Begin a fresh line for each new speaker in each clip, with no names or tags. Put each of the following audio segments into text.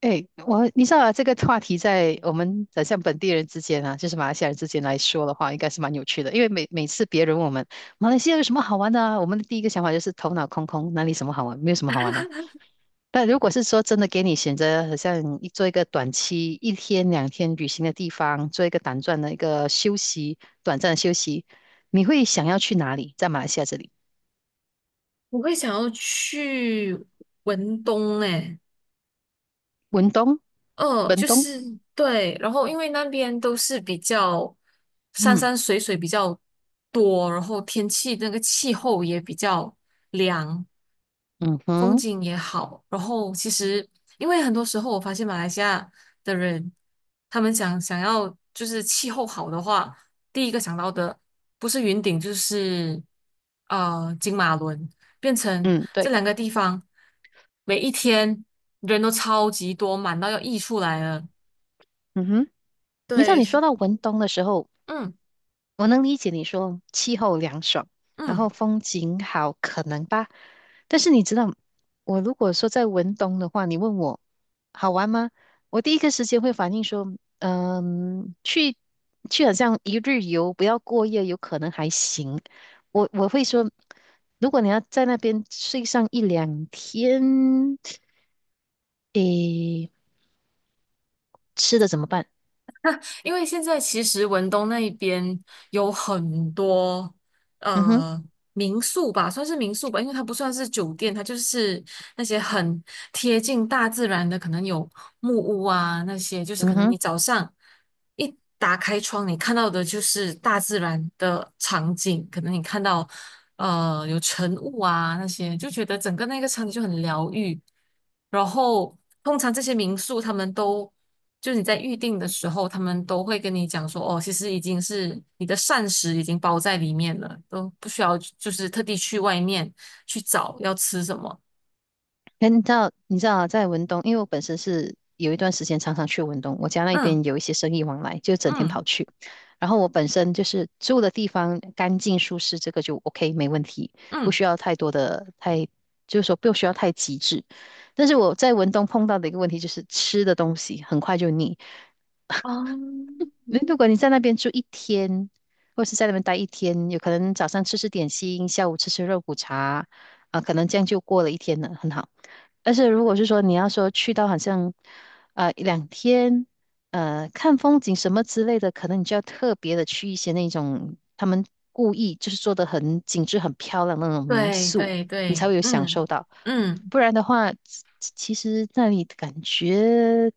哎，我你知道啊，这个话题在我们的像本地人之间啊，就是马来西亚人之间来说的话，应该是蛮有趣的。因为每次别人问我们马来西亚有什么好玩的啊，我们的第一个想法就是头脑空空，哪里什么好玩，没有什么好玩的啊。但如果是说真的给你选择，好像一个短期一天两天旅行的地方，做一个短暂的一个休息，短暂的休息，你会想要去哪里？在马来西亚这里，
我会想要去文东诶，
文东，文
就
东，
是对，然后因为那边都是比较山
嗯，
山水水比较多，然后天气那个气候也比较凉，
嗯
风
哼，
景也好。然后其实因为很多时候我发现马来西亚的人，他们想要就是气候好的话，第一个想到的不是云顶就是金马伦。变成
嗯，对，
这两个地方每一天人都超级多，满到要溢出来了。
嗯哼。你知道
对，
你说到文东的时候。
嗯
我能理解你说气候凉爽，然
嗯。
后风景好，可能吧。但是你知道，我如果说在文东的话，你问我好玩吗？我第一个时间会反应说，嗯，去去好像一日游，不要过夜，有可能还行。我会说，如果你要在那边睡上一两天，诶，吃的怎么办？
因为现在其实文东那一边有很多
嗯哼，
呃民宿吧，算是民宿吧，因为它不算是酒店，它就是那些很贴近大自然的，可能有木屋啊那些，就是可
嗯
能
哼。
你早上一打开窗，你看到的就是大自然的场景，可能你看到有晨雾啊那些，就觉得整个那个场景就很疗愈。然后通常这些民宿他们都就你在预定的时候，他们都会跟你讲说，哦，其实已经是你的膳食已经包在里面了，都不需要就是特地去外面去找要吃什么。
哎，你知道，你知道啊，在文东，因为我本身是有一段时间常常去文东，我家那
嗯
边有一些生意往来，就整天
嗯
跑去。然后我本身就是住的地方干净舒适，这个就 OK,没问题，不
嗯，
需要太多的太，就是说不需要太极致。但是我在文东碰到的一个问题就是吃的东西很快就腻，那如果你在那边住一天，或是在那边待一天，有可能早上吃吃点心，下午吃吃肉骨茶，啊，可能这样就过了一天了，很好。但是如果是说你要说去到好像，一两天，看风景什么之类的，可能你就要特别的去一些那种他们故意就是做的很精致、很漂亮的那种民
对
宿，
对
你才
对，
会有享
嗯
受到。
嗯
不然的话，其实那里感觉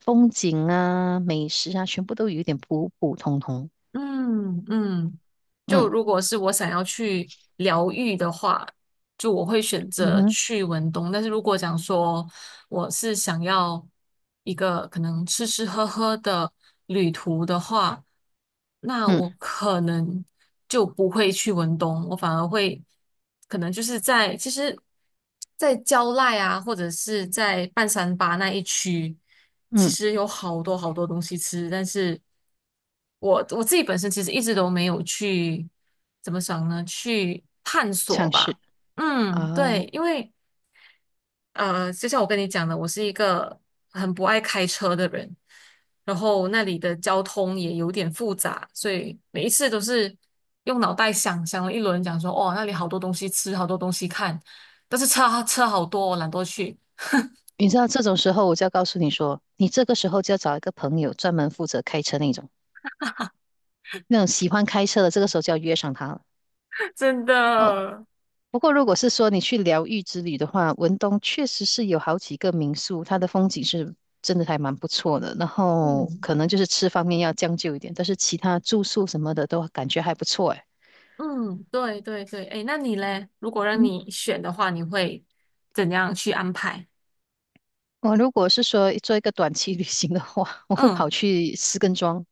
风景啊、美食啊，全部都有点普普通通。
嗯嗯，就
嗯，
如果是我想要去疗愈的话，就我会选
嗯
择
哼，
去文东，但是如果讲说我是想要一个可能吃吃喝喝的旅途的话，那
嗯
我可能就不会去文东，我反而会可能就是在其实，在蕉赖啊，或者是在半山巴那一区，其
嗯，
实有好多好多东西吃，但是我自己本身其实一直都没有去怎么想呢？去探索
尝是
吧。
啊。
嗯，对，因为就像我跟你讲的，我是一个很不爱开车的人，然后那里的交通也有点复杂，所以每一次都是用脑袋想想了一轮，讲说哦，那里好多东西吃，好多东西看，但是车车好多，我懒得去。
你知道这种时候，我就要告诉你说，你这个时候就要找一个朋友，专门负责开车那种，那种喜欢开车的，这个时候就要约上他了。
真
哦，
的。
不过，如果是说你去疗愈之旅的话，文东确实是有好几个民宿，它的风景是真的还蛮不错的。然后
嗯
可能就是吃方面要将就一点，但是其他住宿什么的都感觉还不错。诶，
嗯，对对对，哎，那你嘞？如果让
嗯，
你选的话，你会怎样去安排？
我如果是说做一个短期旅行的话，我会跑
嗯，
去石根庄。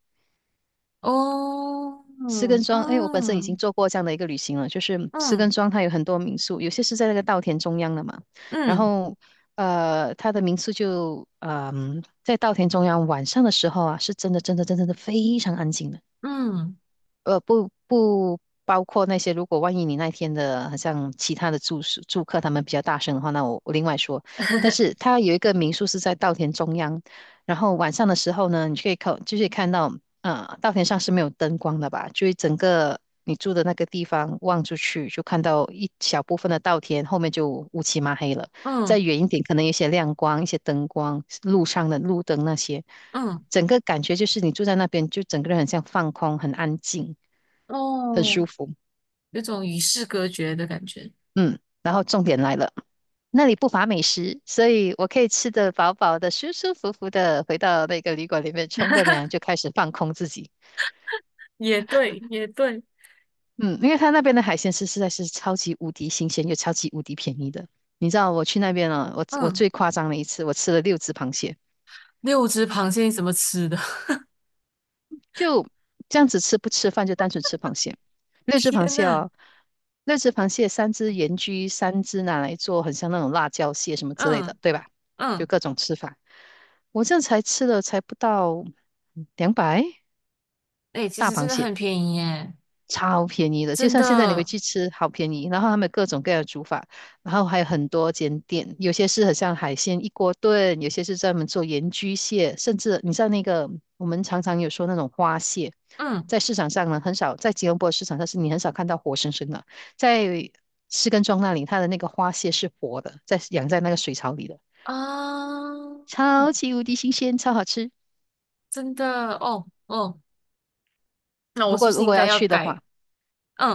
哦，
石根
嗯
庄，哎，我本身已经
嗯
做过这样的一个旅行了，就是石根
嗯
庄它有很多民宿，有些是在那个稻田中央的嘛，然
嗯
后它的民宿就在稻田中央，晚上的时候啊，是真的真的真的真的非常安静的。
嗯。
不包括那些，如果万一你那天的，好像其他的住宿住客他们比较大声的话，那我另外说。但是它有一个民宿是在稻田中央，然后晚上的时候呢，你就可以看，就是看到，稻田上是没有灯光的吧？就是整个你住的那个地方望出去，就看到一小部分的稻田，后面就乌漆嘛黑了。再
嗯
远 一点，可能有一些亮光，一些灯光，路上的路灯那些。
嗯，
整个感觉就是你住在那边，就整个人很像放空，很安静，很
哦，
舒服。
有种与世隔绝的感觉。
嗯，然后重点来了，那里不乏美食，所以我可以吃的饱饱的，舒舒服服的回到那个旅馆里面冲个凉，就开始放空自己。
也对，也对，
嗯，因为他那边的海鲜是实在是超级无敌新鲜又超级无敌便宜的。你知道我去那边啊，我
嗯，
最夸张的一次，我吃了六只螃蟹。
六只螃蟹你怎么吃的？
就这样子吃，不吃饭就单纯吃螃蟹。六只螃
天
蟹
呐，
哦，六只螃蟹，三只盐焗，三只拿来做很像那种辣椒蟹什么之类的，
嗯
对吧？就
嗯，
各种吃法。我这样才吃了才不到200，
哎、其实真的很便宜耶，
超便宜的，就
真
像现在你回
的，
去吃，好便宜。然后他们各种各样的煮法，然后还有很多间店，有些是很像海鲜一锅炖，有些是专门做盐焗蟹，甚至你知道那个我们常常有说那种花蟹，
嗯
在市场上呢很少，在吉隆坡市场上是你很少看到活生生的，在士根庄那里，它的那个花蟹是活的，在养在那个水槽里的，
啊，
超
嗯
级无敌新鲜，超好吃。
真的，哦哦，那我
不
是
过
不是
如
应
果
该
要
要
去的
改？
话，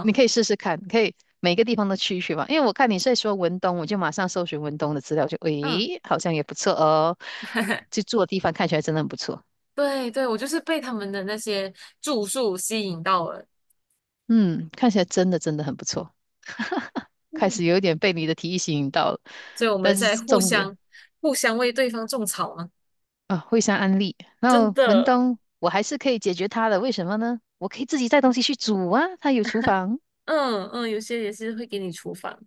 你可以试试看，可以每个地方都去一去嘛。因为我看你在说文东，我就马上搜寻文东的资料，就
嗯，
诶，好像也不错哦。就住的地方看起来真的很不错，
对对，我就是被他们的那些住宿吸引到了，
嗯，看起来真的真的很不错。开
嗯，
始有一点被你的提议吸引到了，
所以我们
但
在
是
互
重点
相互相为对方种草嘛。
啊，惠山安利，然
真
后文
的。
东，我还是可以解决他的。为什么呢？我可以自己带东西去煮啊，他有厨房，
嗯嗯，有些也是会给你厨房，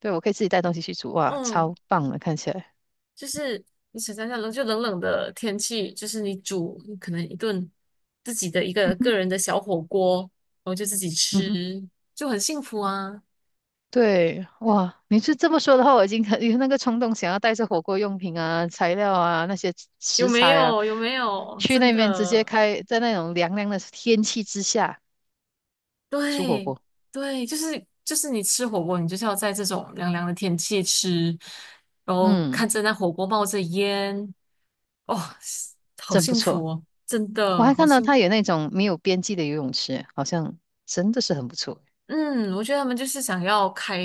对，我可以自己带东西去煮，哇，
嗯，
超棒的，看起来。
就是你想象一下冷，就冷冷的天气，就是你煮你可能一顿自己的一
嗯
个个
哼，
人的小火锅，然后就自己
嗯
吃，
哼。
就很幸福啊，
对，哇，你是这么说的话，我已经 很有那个冲动，想要带着火锅用品啊、材料啊、那些
有
食
没
材啊，
有？有没有？
去
真
那边直接
的，
开，在那种凉凉的天气之下煮火
对
锅。
对，就是就是你吃火锅，你就是要在这种凉凉的天气吃，然后
嗯，
看着那火锅冒着烟，哦，好
真不
幸福
错。
哦，真
我
的
还
好
看到
幸福。
它有那种没有边际的游泳池，好像真的是很不错。
嗯，我觉得他们就是想要开，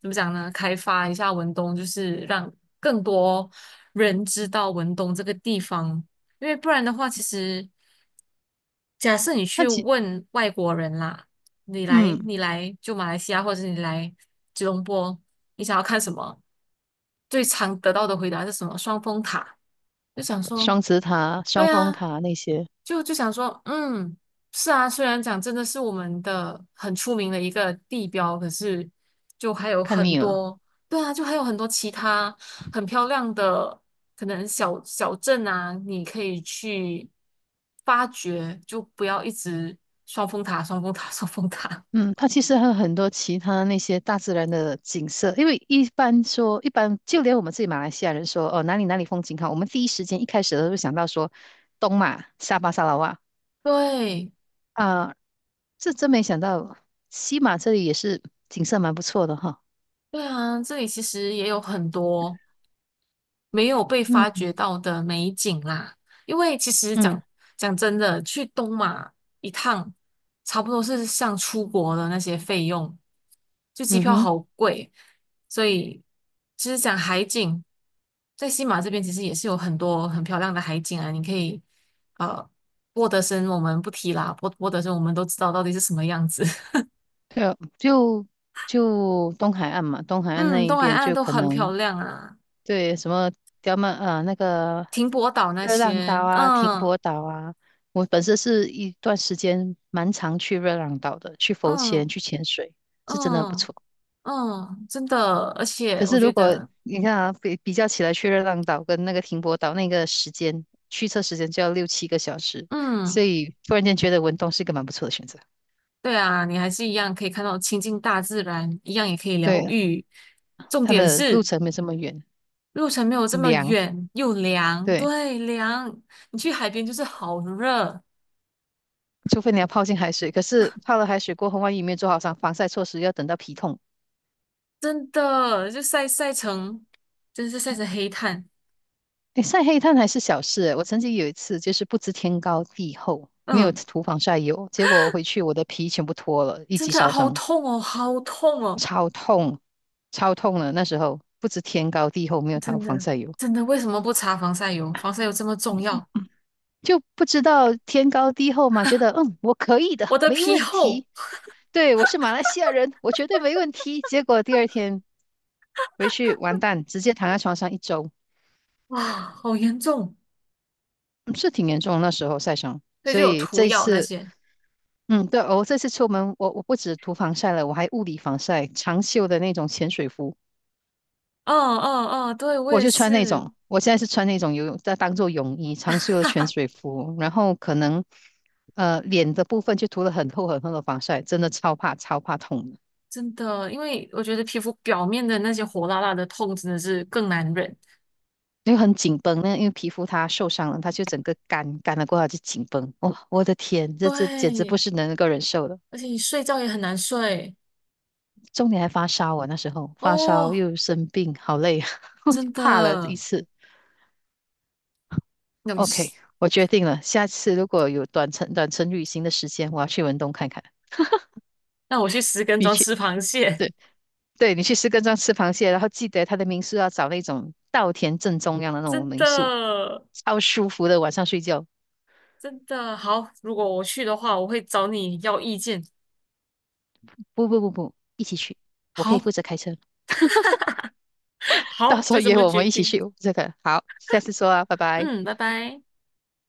怎么讲呢？开发一下文东，就是让更多人知道文东这个地方。因为不然的话，其实假设你
那
去
其
问外国人啦，你来
嗯，
你来就马来西亚，或者是你来吉隆坡，你想要看什么？最常得到的回答是什么？双峰塔。就想说
双子塔、双
对
峰
啊，
塔那些，
就就想说，嗯，是啊，虽然讲真的是我们的很出名的一个地标，可是就还有
看
很
腻了。
多，对啊，就还有很多其他很漂亮的可能小小镇啊，你可以去发掘，就不要一直双峰塔、双峰塔、双峰塔。
嗯，它其实还有很多其他那些大自然的景色，因为一般说，一般就连我们自己马来西亚人说，哦，哪里哪里风景好，我们第一时间一开始都会想到说东马、沙巴、沙拉哇
对，
啊，这真没想到西马这里也是景色蛮不错的哈。
对啊，这里其实也有很多。没有被发
嗯，
掘到的美景啦。因为其实讲
嗯，
讲真的，去东马一趟，差不多是像出国的那些费用，就机
嗯
票
哼，
好贵，所以其实讲海景，在西马这边其实也是有很多很漂亮的海景啊，你可以呃。波德森我们不提啦，波德森我们都知道到底是什么样子。
对啊，就东海岸嘛，东 海岸
嗯，
那一
东海
边
岸
就
都
可
很
能。
漂亮啊，
对，什么刁曼啊，那个
停泊岛那
热浪
些，
岛啊，停
嗯
泊岛啊，我本身是一段时间蛮常去热浪岛的，去浮潜、
嗯
去潜水，是真的很不
嗯。
错。
嗯，真的，而
可
且我
是
觉
如果
得，
你看啊，比较起来，去热浪岛跟那个停泊岛那个时间，驱车时间就要6、7个小时，所
嗯，
以突然间觉得文东是一个蛮不错的选择。
对啊，你还是一样可以看到亲近大自然，一样也可以疗
对，
愈。重
它
点
的路
是
程没这么远，
路程没有这么
凉，
远，又凉，
对，
对，凉。你去海边就是好热，
除非你要泡进海水，可是泡了海水过后，万一没有做好防晒措施，要等到皮痛。
真的，就晒晒成，真是晒成黑炭。
诶晒黑炭还是小事，我曾经有一次就是不知天高地厚，没有
嗯，
涂防晒油，结果我回去我的皮全部脱了，一
真
级
的
烧
好
伤，
痛哦，好痛哦，
超痛，超痛了。那时候不知天高地厚，没有涂
真
防
的，
晒油，
真的，为什么不擦防晒油？防晒油这么重要？
就不知道天高地厚嘛，觉得嗯我可以的，
我的
没
皮
问
厚，
题。对，我是马来西亚人，我绝对没问题。结果第二天回去完蛋，直接躺在床上一周，
哇，好严重，
嗯是挺严重的那时候晒伤。
所以
所
就有
以
涂
这一
药那
次
些。
嗯，对，我这次出门，我不止涂防晒了，我还物理防晒，长袖的那种潜水服，
嗯嗯嗯，对，我
我
也
就穿那
是，
种，我现在是穿那种游泳，在当做泳衣，长袖的潜水服，然后可能脸的部分就涂了很厚很厚的防晒，真的超怕超怕痛的，
真的，因为我觉得皮肤表面的那些火辣辣的痛真的是更难忍。
因为很紧绷，那因为皮肤它受伤了，它就整个干干了过后它就紧绷，哇，我的天，这简直不
对，
是能够忍受的，
而且你睡觉也很难睡
重点还发烧，我那时候发烧
哦，
又生病，好累啊，我就
真
怕了这一
的。
次。
那我去
OK,我决定了，下次如果有短程旅行的时间，我要去文东看看。
那我去石根
你
庄
去，
吃螃蟹，
对，对，你去石根庄吃螃蟹，然后记得他的民宿要找那种稻田正中央的那种
真
民宿，
的
超舒服的，晚上睡觉。
真的好。如果我去的话，我会找你要意见。
不不不不，一起去，我可以
好，
负责开车，到
好，
时候
就这
约
么
我
决
们一起
定。
去这个。好，下次说啊，拜拜。
嗯，拜拜。